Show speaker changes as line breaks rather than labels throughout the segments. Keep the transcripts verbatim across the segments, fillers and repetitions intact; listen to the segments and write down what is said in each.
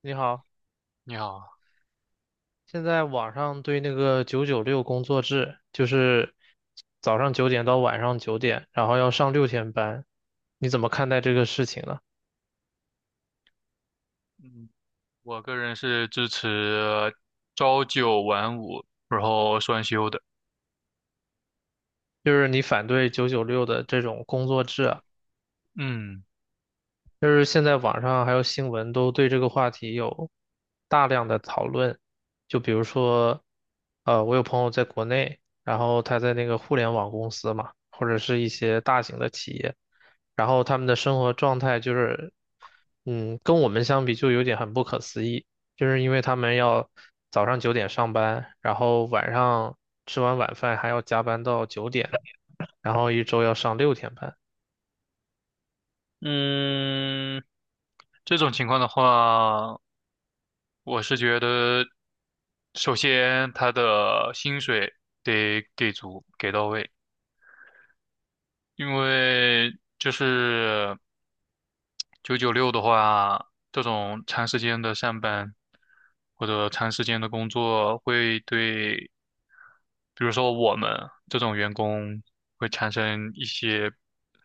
你好，
你好，
现在网上对那个九九六工作制，就是早上九点到晚上九点，然后要上六天班，你怎么看待这个事情呢？
嗯，我个人是支持朝九晚五，然后双休的。
就是你反对九九六的这种工作制啊？
嗯
就是现在网上还有新闻都对这个话题有大量的讨论，就比如说，呃，我有朋友在国内，然后他在那个互联网公司嘛，或者是一些大型的企业，然后他们的生活状态就是，嗯，跟我们相比就有点很不可思议，就是因为他们要早上九点上班，然后晚上吃完晚饭还要加班到九点，然后一周要上六天班。
嗯，这种情况的话，我是觉得，首先他的薪水得给足，给到位，因为就是九九六的话，这种长时间的上班或者长时间的工作会对比如说我们这种员工会产生一些，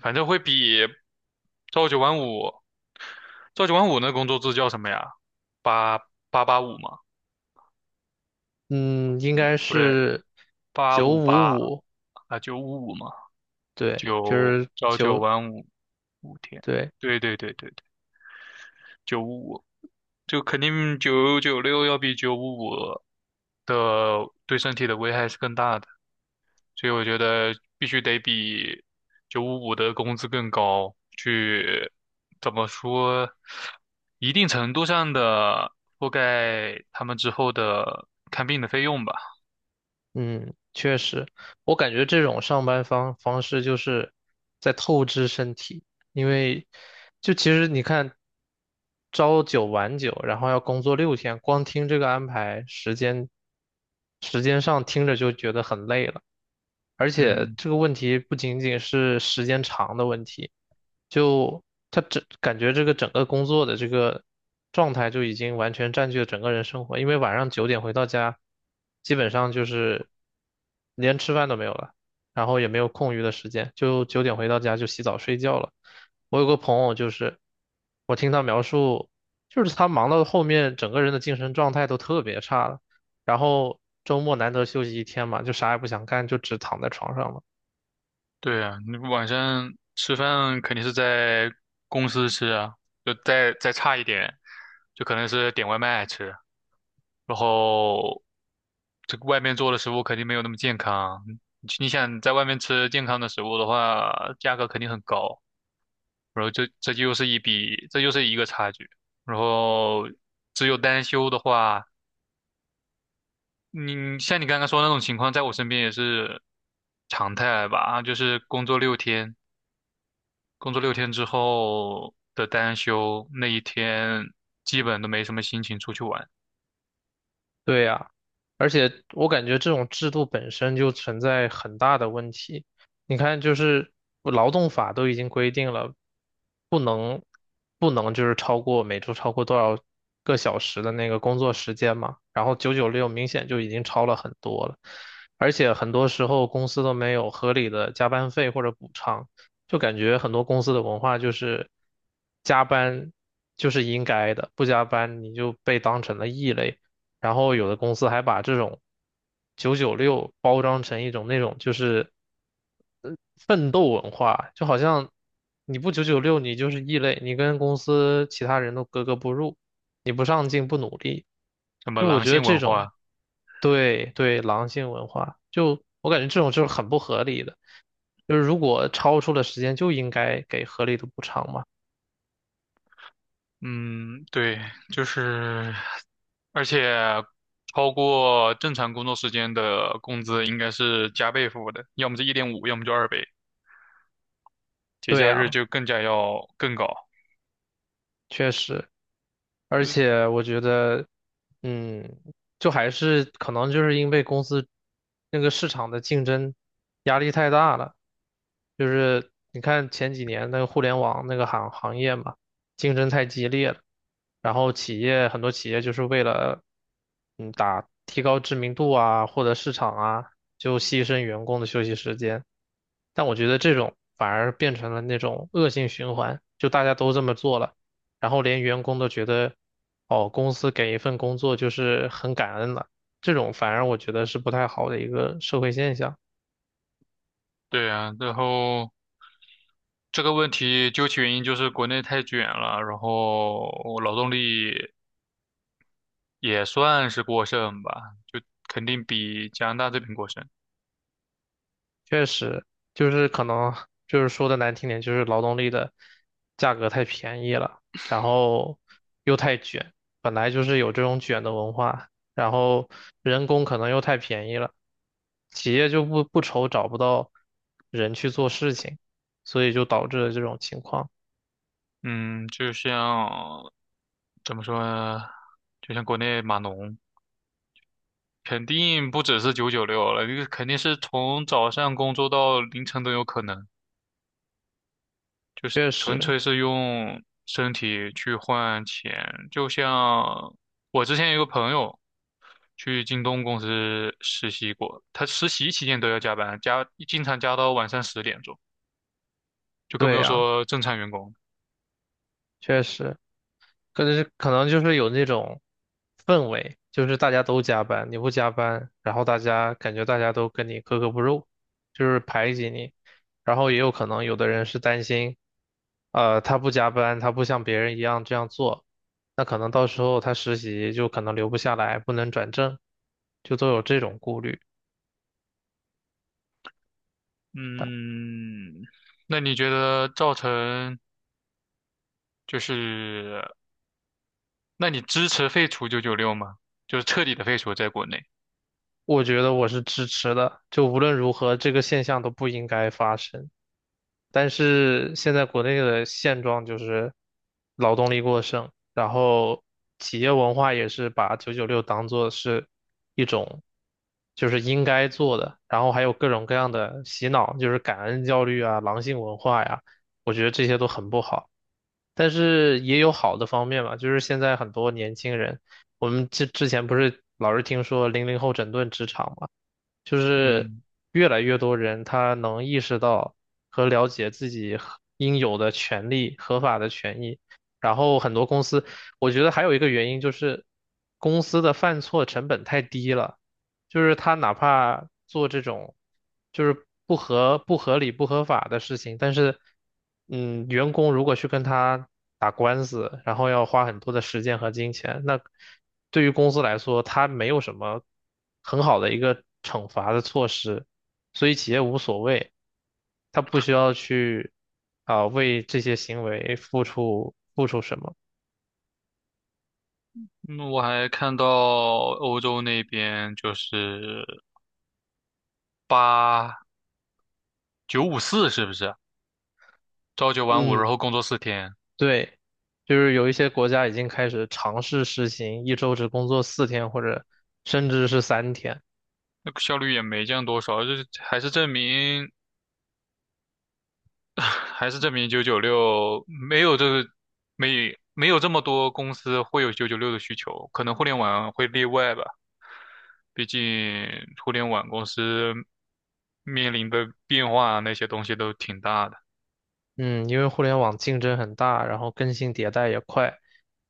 反正会比朝九晚五，朝九晚五那工作制叫什么呀？八八八五嘛，
嗯，应该
不对，
是
八
九
五八
五五，
啊，九五五嘛，
对，就
九
是
朝九
九，
晚五五天，
对，
对对对对对，九五五，就肯定九九六要比九五五的对身体的危害是更大的。所以我觉得必须得比九五五的工资更高，去怎么说，一定程度上的覆盖他们之后的看病的费用吧。
嗯，确实，我感觉这种上班方方式就是在透支身体，因为就其实你看，朝九晚九，然后要工作六天，光听这个安排时间，时间上听着就觉得很累了。而且
嗯，
这个问题不仅仅是时间长的问题，就他整感觉这个整个工作的这个状态就已经完全占据了整个人生活，因为晚上九点回到家，基本上就是连吃饭都没有了，然后也没有空余的时间，就九点回到家就洗澡睡觉了。我有个朋友就是，我听他描述，就是他忙到后面整个人的精神状态都特别差了。然后周末难得休息一天嘛，就啥也不想干，就只躺在床上了。
对啊，你晚上吃饭肯定是在公司吃啊，就再再差一点，就可能是点外卖吃，然后这个外面做的食物肯定没有那么健康。你你想在外面吃健康的食物的话，价格肯定很高。然后这这就又是一笔，这又是一个差距。然后只有单休的话，你像你刚刚说的那种情况，在我身边也是常态吧，就是工作六天，工作六天之后的单休那一天，基本都没什么心情出去玩，
对呀，而且我感觉这种制度本身就存在很大的问题。你看，就是劳动法都已经规定了，不能不能就是超过每周超过多少个小时的那个工作时间嘛。然后九九六明显就已经超了很多了，而且很多时候公司都没有合理的加班费或者补偿，就感觉很多公司的文化就是加班就是应该的，不加班你就被当成了异类。然后有的公司还把这种九九六包装成一种那种就是呃，奋斗文化，就好像你不九九六，你就是异类，你跟公司其他人都格格不入，你不上进不努力，
什么
就是我
狼
觉得
性
这
文
种
化，
对对狼性文化，就我感觉这种就是很不合理的，就是如果超出了时间就应该给合理的补偿嘛，
嗯，对，就是，而且超过正常工作时间的工资应该是加倍付的，要么是一点五，要么就二倍。节
对
假日
呀。
就更加要更高，
确实，而
就
且我觉得，嗯，就还是可能就是因为公司那个市场的竞争压力太大了，就是你看前几年那个互联网那个行行业嘛，竞争太激烈了，然后企业很多企业就是为了，嗯，打提高知名度啊，获得市场啊，就牺牲员工的休息时间。但我觉得这种反而变成了那种恶性循环，就大家都这么做了。然后连员工都觉得，哦，公司给一份工作就是很感恩了，这种反而我觉得是不太好的一个社会现象。
对呀。然后这个问题究其原因就是国内太卷了，然后劳动力也算是过剩吧，就肯定比加拿大这边过剩。
确实，就是可能就是说的难听点，就是劳动力的价格太便宜了，然后又太卷，本来就是有这种卷的文化，然后人工可能又太便宜了，企业就不不愁找不到人去做事情，所以就导致了这种情况。
嗯，就像怎么说呢，就像国内码农，肯定不只是九九六了，这个肯定是从早上工作到凌晨都有可能。就是
确
纯
实，
粹是用身体去换钱，就像我之前有个朋友去京东公司实习过，他实习期间都要加班，加经常加到晚上十点钟，就更不
对
用
呀，
说正常员工。
确实。可能是可能就是有那种氛围，就是大家都加班，你不加班，然后大家感觉大家都跟你格格不入，就是排挤你。然后也有可能有的人是担心，呃，他不加班，他不像别人一样这样做，那可能到时候他实习就可能留不下来，不能转正，就都有这种顾虑。
嗯，那你觉得造成就是，那你支持废除九九六吗？就是彻底的废除在国内。
我觉得我是支持的，就无论如何，这个现象都不应该发生。但是现在国内的现状就是劳动力过剩，然后企业文化也是把九九六当做是一种就是应该做的，然后还有各种各样的洗脑，就是感恩教育啊、狼性文化呀，我觉得这些都很不好。但是也有好的方面嘛，就是现在很多年轻人，我们之之前不是老是听说零零后整顿职场嘛。就是
嗯，
越来越多人他能意识到和了解自己合应有的权利、合法的权益。然后很多公司，我觉得还有一个原因就是公司的犯错成本太低了。就是他哪怕做这种就是不合不合理不合法的事情，但是嗯，员工如果去跟他打官司，然后要花很多的时间和金钱，那对于公司来说，他没有什么很好的一个惩罚的措施，所以企业无所谓，他不需要去啊，为这些行为付出付出什么。
嗯我还看到欧洲那边就是八。九五四是不是？朝九晚五，然
嗯。
后工作四天，
对，就是有一些国家已经开始尝试实行一周只工作四天，或者甚至是三天。
那个效率也没降多少，就是还是证明还是证明九九六没有这个没没有这么多公司会有九九六的需求，可能互联网会例外吧，毕竟互联网公司面临的变化那些东西都挺大的。
嗯，因为互联网竞争很大，然后更新迭代也快，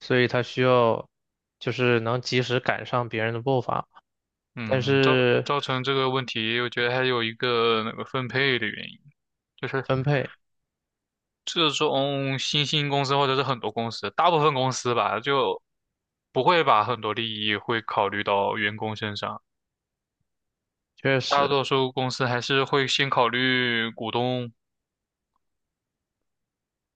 所以它需要就是能及时赶上别人的步伐。但
嗯，造
是
造成这个问题，我觉得还有一个那个分配的原因。就是
分配
这种新兴公司或者是很多公司，大部分公司吧，就不会把很多利益会考虑到员工身上，
确
大
实，
多数公司还是会先考虑股东。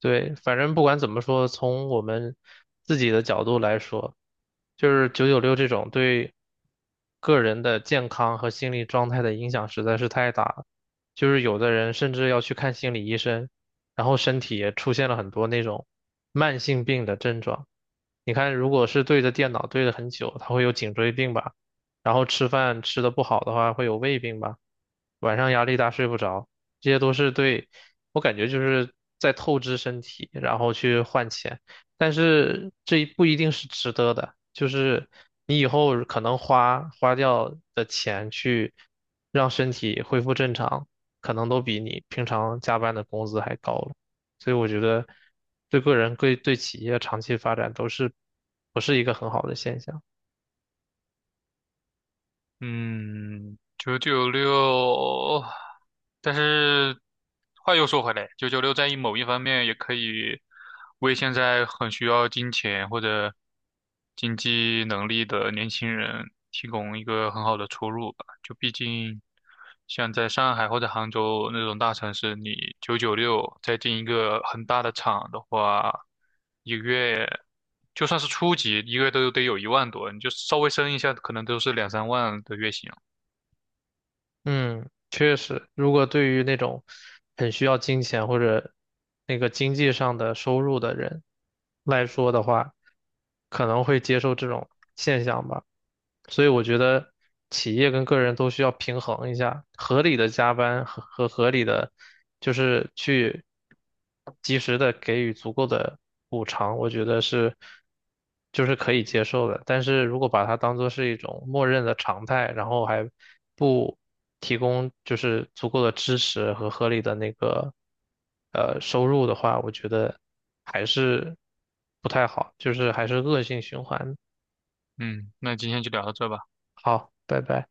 对，反正不管怎么说，从我们自己的角度来说，就是九九六这种对个人的健康和心理状态的影响实在是太大了。就是有的人甚至要去看心理医生，然后身体也出现了很多那种慢性病的症状。你看，如果是对着电脑对着很久，他会有颈椎病吧，然后吃饭吃的不好的话会有胃病吧。晚上压力大睡不着，这些都是对，我感觉就是在透支身体，然后去换钱，但是这一不一定是值得的，就是你以后可能花花掉的钱去让身体恢复正常，可能都比你平常加班的工资还高了，所以我觉得对个人对对企业长期发展都是不是一个很好的现象。
嗯，九九六，但是话又说回来，九九六在某一方面也可以为现在很需要金钱或者经济能力的年轻人提供一个很好的出路。就毕竟像在上海或者杭州那种大城市，你九九六再进一个很大的厂的话，一个月就算是初级，一个月都得有一万多，你就稍微升一下，可能都是两三万的月薪。
嗯，确实，如果对于那种很需要金钱或者那个经济上的收入的人来说的话，可能会接受这种现象吧。所以我觉得企业跟个人都需要平衡一下，合理的加班和和合理的，就是去。及时的给予足够的补偿，我觉得是就是可以接受的。但是如果把它当做是一种默认的常态，然后还不提供就是足够的支持和合理的那个呃收入的话，我觉得还是不太好，就是还是恶性循环。
嗯，那今天就聊到这吧。
好，拜拜。